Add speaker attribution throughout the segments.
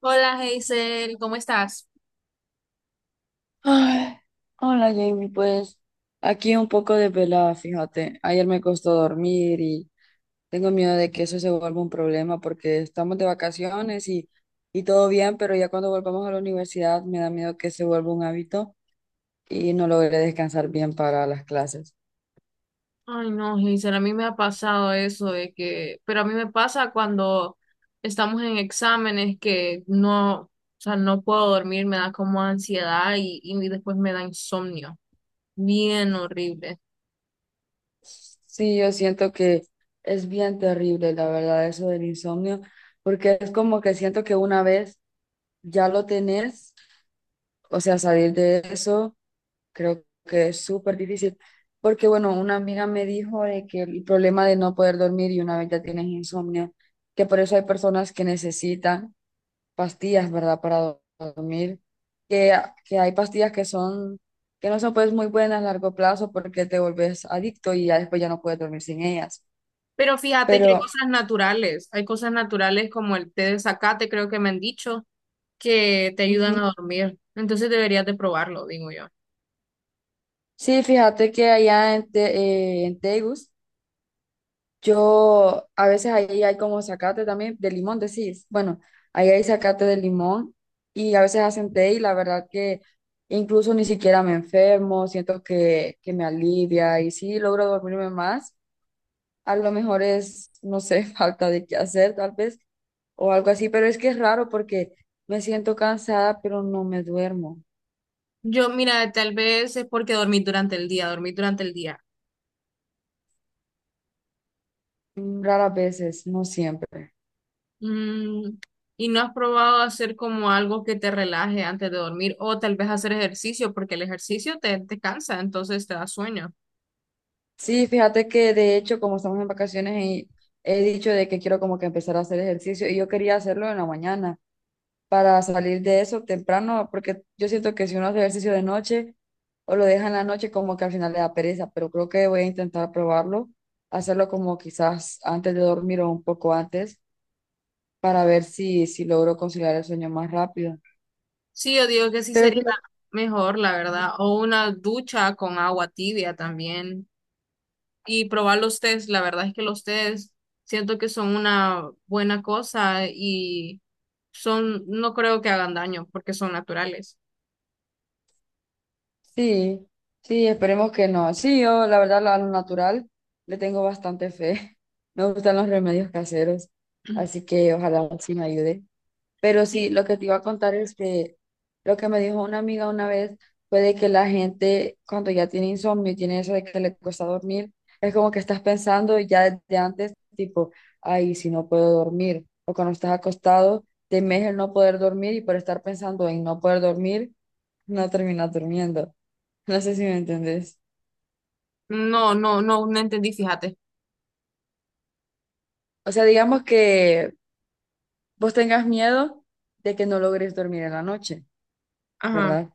Speaker 1: Hola, Hazel, ¿cómo estás?
Speaker 2: Ay, hola Jamie, pues aquí un poco desvelada, fíjate. Ayer me costó dormir y tengo miedo de que eso se vuelva un problema porque estamos de vacaciones y todo bien, pero ya cuando volvamos a la universidad me da miedo que se vuelva un hábito y no logré descansar bien para las clases.
Speaker 1: Ay, no, Hazel, a mí me ha pasado eso de que, pero a mí me pasa cuando estamos en exámenes que no, o sea, no puedo dormir, me da como ansiedad y después me da insomnio, bien horrible.
Speaker 2: Sí, yo siento que es bien terrible, la verdad, eso del insomnio, porque es como que siento que una vez ya lo tenés, o sea, salir de eso. Creo que es súper difícil, porque bueno, una amiga me dijo de que el problema de no poder dormir y una vez ya tienes insomnio, que por eso hay personas que necesitan pastillas, ¿verdad? Para dormir, que, ah, que hay pastillas que son, que no son pues muy buenas a largo plazo porque te vuelves adicto y ya después ya no puedes dormir sin ellas.
Speaker 1: Pero fíjate que
Speaker 2: Pero
Speaker 1: hay cosas naturales como el té de zacate, creo que me han dicho, que te ayudan
Speaker 2: ujú,
Speaker 1: a dormir. Entonces deberías de probarlo, digo yo.
Speaker 2: sí, fíjate que allá en, en Tegus, yo, a veces ahí hay como zacate también, de limón, decís. Bueno, ahí hay zacate de limón y a veces hacen té y la verdad que incluso ni siquiera me enfermo, siento que me alivia y sí logro dormirme más. A lo mejor es, no sé, falta de qué hacer tal vez o algo así, pero es que es raro porque me siento cansada, pero no me duermo.
Speaker 1: Yo, mira, tal vez es porque dormí durante el día, dormí durante el día.
Speaker 2: Mm, raras veces, no siempre.
Speaker 1: Mm, ¿Y no has probado hacer como algo que te relaje antes de dormir o tal vez hacer ejercicio porque el ejercicio te cansa, entonces te da sueño?
Speaker 2: Sí, fíjate que de hecho, como estamos en vacaciones, y he dicho de que quiero como que empezar a hacer ejercicio y yo quería hacerlo en la mañana para salir de eso temprano, porque yo siento que si uno hace ejercicio de noche o lo deja en la noche, como que al final le da pereza, pero creo que voy a intentar probarlo, hacerlo como quizás antes de dormir o un poco antes para ver si logro conciliar el sueño más rápido.
Speaker 1: Sí, yo digo que sí
Speaker 2: Pero
Speaker 1: sería mejor, la verdad, o una ducha con agua tibia también y probar los tés, la verdad es que los tés siento que son una buena cosa y son, no creo que hagan daño porque son naturales.
Speaker 2: sí, sí, esperemos que no. Sí, yo la verdad a lo natural le tengo bastante fe. Me gustan los remedios caseros, así que ojalá sí me ayude. Pero sí,
Speaker 1: Sí.
Speaker 2: lo que te iba a contar es que lo que me dijo una amiga una vez fue de que la gente cuando ya tiene insomnio, tiene eso de que le cuesta dormir, es como que estás pensando ya desde antes, tipo, ay, si no puedo dormir, o cuando estás acostado, temes el no poder dormir y por estar pensando en no poder dormir, no terminas durmiendo. No sé si me entendés.
Speaker 1: No, no, no, entendí, fíjate.
Speaker 2: O sea, digamos que vos tengas miedo de que no logres dormir en la noche,
Speaker 1: Ajá.
Speaker 2: ¿verdad?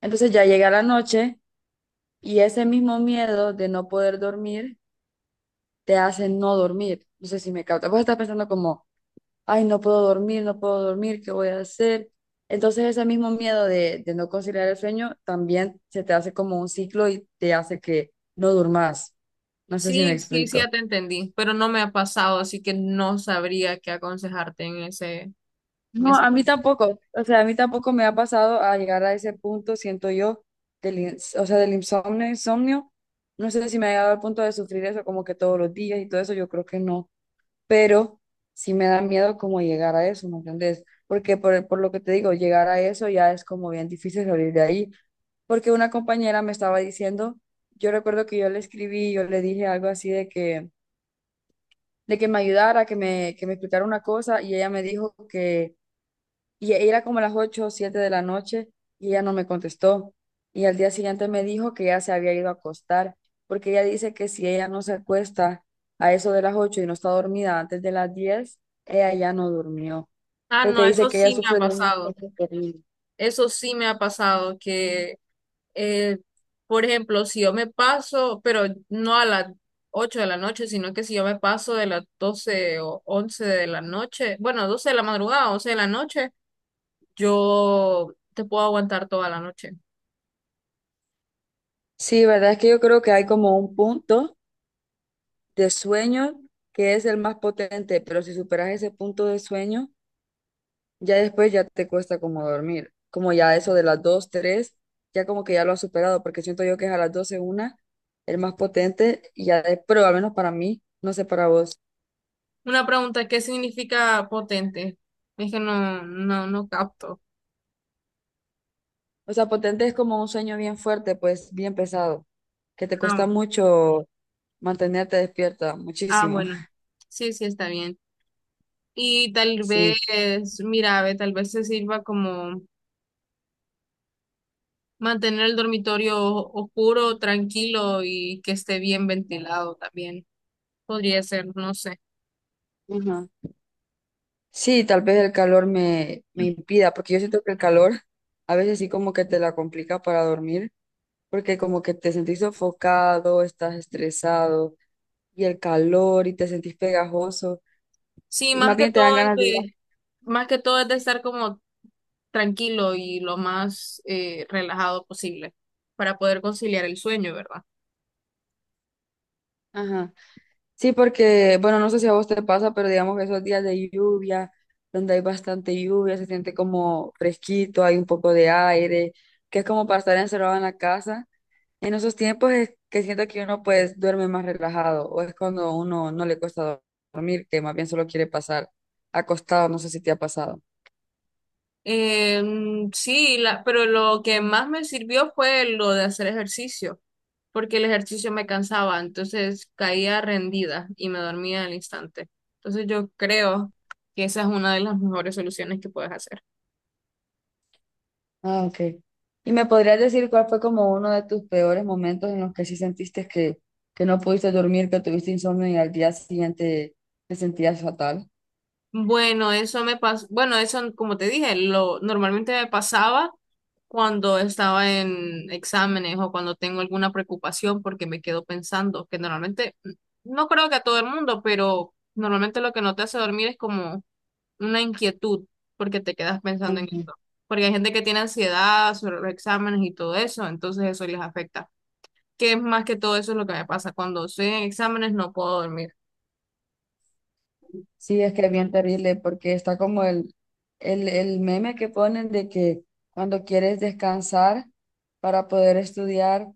Speaker 2: Entonces ya llega la noche y ese mismo miedo de no poder dormir te hace no dormir. No sé si me capta. Vos estás pensando como, ay, no puedo dormir, no puedo dormir, ¿qué voy a hacer? Entonces ese mismo miedo de no conciliar el sueño también se te hace como un ciclo y te hace que no durmas. No sé si me
Speaker 1: Sí, sí, sí, ya
Speaker 2: explico.
Speaker 1: te entendí, pero no me ha pasado, así que no sabría qué aconsejarte en ese, en
Speaker 2: No,
Speaker 1: ese
Speaker 2: a mí
Speaker 1: caso.
Speaker 2: tampoco, o sea, a mí tampoco me ha pasado a llegar a ese punto, siento yo, o sea, del insomnio, insomnio, no sé si me ha llegado al punto de sufrir eso como que todos los días y todo eso, yo creo que no, pero sí me da miedo como llegar a eso, ¿me entiendes? Porque por lo que te digo, llegar a eso ya es como bien difícil salir de ahí, porque una compañera me estaba diciendo, yo recuerdo que yo le escribí, yo le dije algo así de que me ayudara, que me explicara una cosa, y ella me dijo y era como las 8 o 7 de la noche y ella no me contestó. Y al día siguiente me dijo que ya se había ido a acostar, porque ella dice que si ella no se acuesta a eso de las 8 y no está dormida antes de las 10 ella ya no durmió,
Speaker 1: Ah,
Speaker 2: porque
Speaker 1: no,
Speaker 2: dice
Speaker 1: eso
Speaker 2: que ella
Speaker 1: sí me ha
Speaker 2: sufre de un
Speaker 1: pasado.
Speaker 2: sueño terrible.
Speaker 1: Eso sí me ha pasado que, eh, por ejemplo, si yo me paso, pero no a las 8 de la noche, sino que si yo me paso de las 12 o 11 de la noche, bueno, 12 de la madrugada, 11 de la noche, yo te puedo aguantar toda la noche.
Speaker 2: Sí, verdad es que yo creo que hay como un punto de sueño que es el más potente, pero si superas ese punto de sueño, ya después ya te cuesta como dormir, como ya eso de las 2 3 ya como que ya lo has superado, porque siento yo que es a las 12 una el más potente, y pero al menos para mí, no sé para vos.
Speaker 1: Una pregunta, ¿qué significa potente? Es que no, capto.
Speaker 2: O sea, potente es como un sueño bien fuerte, pues bien pesado, que te
Speaker 1: Ah.
Speaker 2: cuesta mucho mantenerte despierta,
Speaker 1: Ah,
Speaker 2: muchísimo.
Speaker 1: bueno, sí, sí, está bien. Y tal
Speaker 2: Sí.
Speaker 1: vez, mira, ve, tal vez se sirva como mantener el dormitorio oscuro, tranquilo y que esté bien ventilado también. Podría ser, no sé.
Speaker 2: Ajá. Sí, tal vez el calor me impida, porque yo siento que el calor a veces sí como que te la complica para dormir. Porque como que te sentís sofocado, estás estresado y el calor y te sentís pegajoso
Speaker 1: Sí,
Speaker 2: y más
Speaker 1: más que
Speaker 2: bien te dan
Speaker 1: todo,
Speaker 2: ganas de ir.
Speaker 1: más que todo es de estar como tranquilo y lo más relajado posible para poder conciliar el sueño, ¿verdad?
Speaker 2: Ajá. Sí, porque, bueno, no sé si a vos te pasa, pero digamos que esos días de lluvia, donde hay bastante lluvia, se siente como fresquito, hay un poco de aire, que es como para estar encerrado en la casa. En esos tiempos es que siento que uno pues duerme más relajado o es cuando uno no le cuesta dormir, que más bien solo quiere pasar acostado, no sé si te ha pasado.
Speaker 1: eh sí, pero lo que más me sirvió fue lo de hacer ejercicio, porque el ejercicio me cansaba, entonces caía rendida y me dormía al instante. Entonces yo creo que esa es una de las mejores soluciones que puedes hacer.
Speaker 2: Ah, ok. ¿Y me podrías decir cuál fue como uno de tus peores momentos en los que sí sentiste que no pudiste dormir, que tuviste insomnio y al día siguiente te sentías fatal?
Speaker 1: Bueno, eso me pasó, bueno, eso como te dije, lo normalmente me pasaba cuando estaba en exámenes o cuando tengo alguna preocupación porque me quedo pensando, que normalmente, no creo que a todo el mundo, pero normalmente lo que no te hace dormir es como una inquietud porque te quedas pensando en
Speaker 2: Ujú.
Speaker 1: esto. Porque hay gente que tiene ansiedad sobre los exámenes y todo eso, entonces eso les afecta. Que es más que todo eso es lo que me pasa. Cuando estoy en exámenes no puedo dormir.
Speaker 2: Sí, es que es bien terrible porque está como el, el meme que ponen de que cuando quieres descansar para poder estudiar,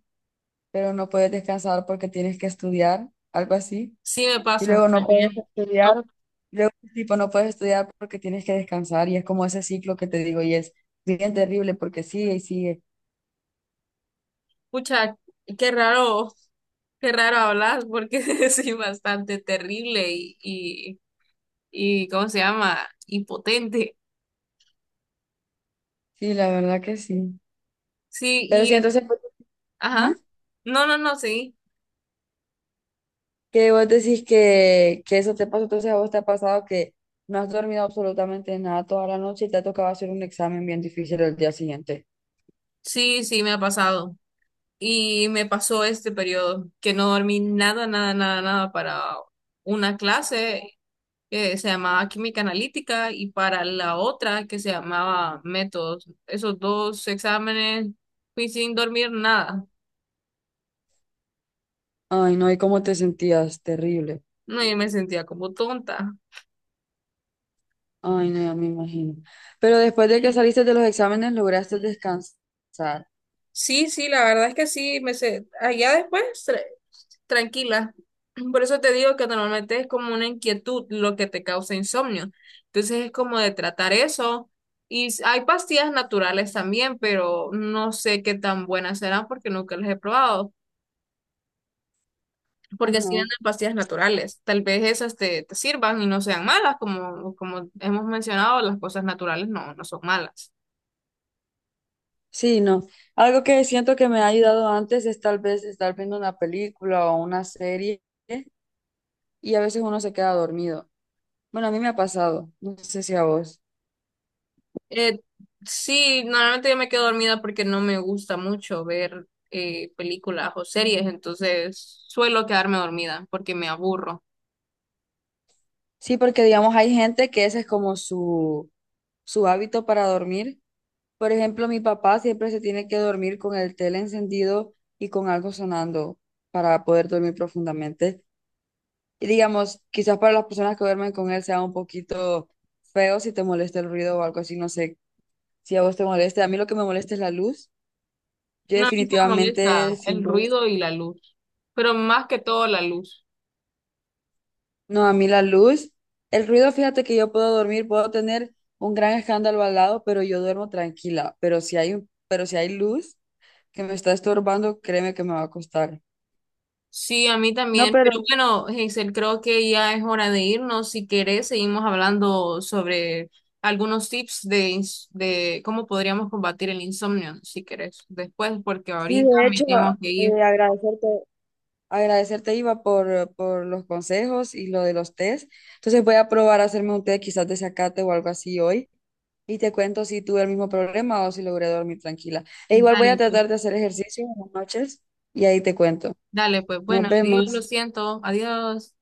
Speaker 2: pero no puedes descansar porque tienes que estudiar, algo así.
Speaker 1: Sí me
Speaker 2: Y
Speaker 1: pasa
Speaker 2: luego no puedes
Speaker 1: también. No,
Speaker 2: estudiar, luego tipo no puedes estudiar porque tienes que descansar y es como ese ciclo que te digo y es bien terrible porque sigue y sigue.
Speaker 1: pucha, qué raro, qué raro hablar porque soy bastante terrible y ¿cómo se llama? Impotente.
Speaker 2: Sí, la verdad que sí.
Speaker 1: Sí,
Speaker 2: Pero sí,
Speaker 1: y,
Speaker 2: entonces, pues,
Speaker 1: ajá.
Speaker 2: ajá,
Speaker 1: No, no, no, sí.
Speaker 2: que vos decís que eso te pasó, entonces a vos te ha pasado que no has dormido absolutamente nada toda la noche y te ha tocado hacer un examen bien difícil el día siguiente.
Speaker 1: Sí, sí, me ha pasado. Y me pasó este periodo que no dormí nada, nada, nada, nada para una clase que se llamaba química analítica y para la otra que se llamaba métodos. Esos dos exámenes fui sin dormir nada.
Speaker 2: Ay, no, ¿y cómo te sentías? Terrible.
Speaker 1: No, yo me sentía como tonta.
Speaker 2: Ay, no, ya me imagino. Pero después de que saliste de los exámenes, lograste descansar.
Speaker 1: Sí, sí, la verdad es que sí, allá después tranquila. Por eso te digo que normalmente es como una inquietud lo que te causa insomnio. Entonces es como de tratar eso. Y hay pastillas naturales también, pero no sé qué tan buenas serán porque nunca las he probado. Porque
Speaker 2: Ajá.
Speaker 1: así venden pastillas naturales. Tal vez esas te sirvan y no sean malas, como, como hemos mencionado, las cosas naturales no son malas.
Speaker 2: Sí, no. Algo que siento que me ha ayudado antes es tal vez estar viendo una película o una serie y a veces uno se queda dormido. Bueno, a mí me ha pasado, no sé si a vos.
Speaker 1: Eh, sí, normalmente yo me quedo dormida porque no me gusta mucho ver películas o series, entonces suelo quedarme dormida porque me aburro.
Speaker 2: Sí, porque digamos hay gente que ese es como su hábito para dormir. Por ejemplo, mi papá siempre se tiene que dormir con el tele encendido y con algo sonando para poder dormir profundamente. Y digamos, quizás para las personas que duermen con él sea un poquito feo si te molesta el ruido o algo así, no sé si a vos te molesta. A mí lo que me molesta es la luz. Yo
Speaker 1: No, a mí solo me molesta
Speaker 2: definitivamente sin
Speaker 1: el
Speaker 2: luz.
Speaker 1: ruido y la luz, pero más que todo la luz.
Speaker 2: No, a mí la luz. El ruido, fíjate que yo puedo dormir, puedo tener un gran escándalo al lado, pero yo duermo tranquila. Pero si hay, pero si hay luz que me está estorbando, créeme que me va a costar.
Speaker 1: Sí, a mí
Speaker 2: No,
Speaker 1: también,
Speaker 2: pero
Speaker 1: pero bueno, Hazel, creo que ya es hora de irnos. Si querés, seguimos hablando sobre algunos tips de, de cómo podríamos combatir el insomnio, si querés, después, porque
Speaker 2: sí,
Speaker 1: ahorita
Speaker 2: de
Speaker 1: me
Speaker 2: hecho,
Speaker 1: tengo que ir.
Speaker 2: agradecerte. Agradecerte, Iva, por los consejos y lo de los tés. Entonces voy a probar a hacerme un té quizás de zacate o algo así hoy. Y te cuento si tuve el mismo problema o si logré dormir tranquila. E igual voy a
Speaker 1: Dale, pues.
Speaker 2: tratar de hacer ejercicio en las noches y ahí te cuento.
Speaker 1: Dale, pues
Speaker 2: Nos
Speaker 1: bueno, adiós, lo
Speaker 2: vemos.
Speaker 1: siento, adiós.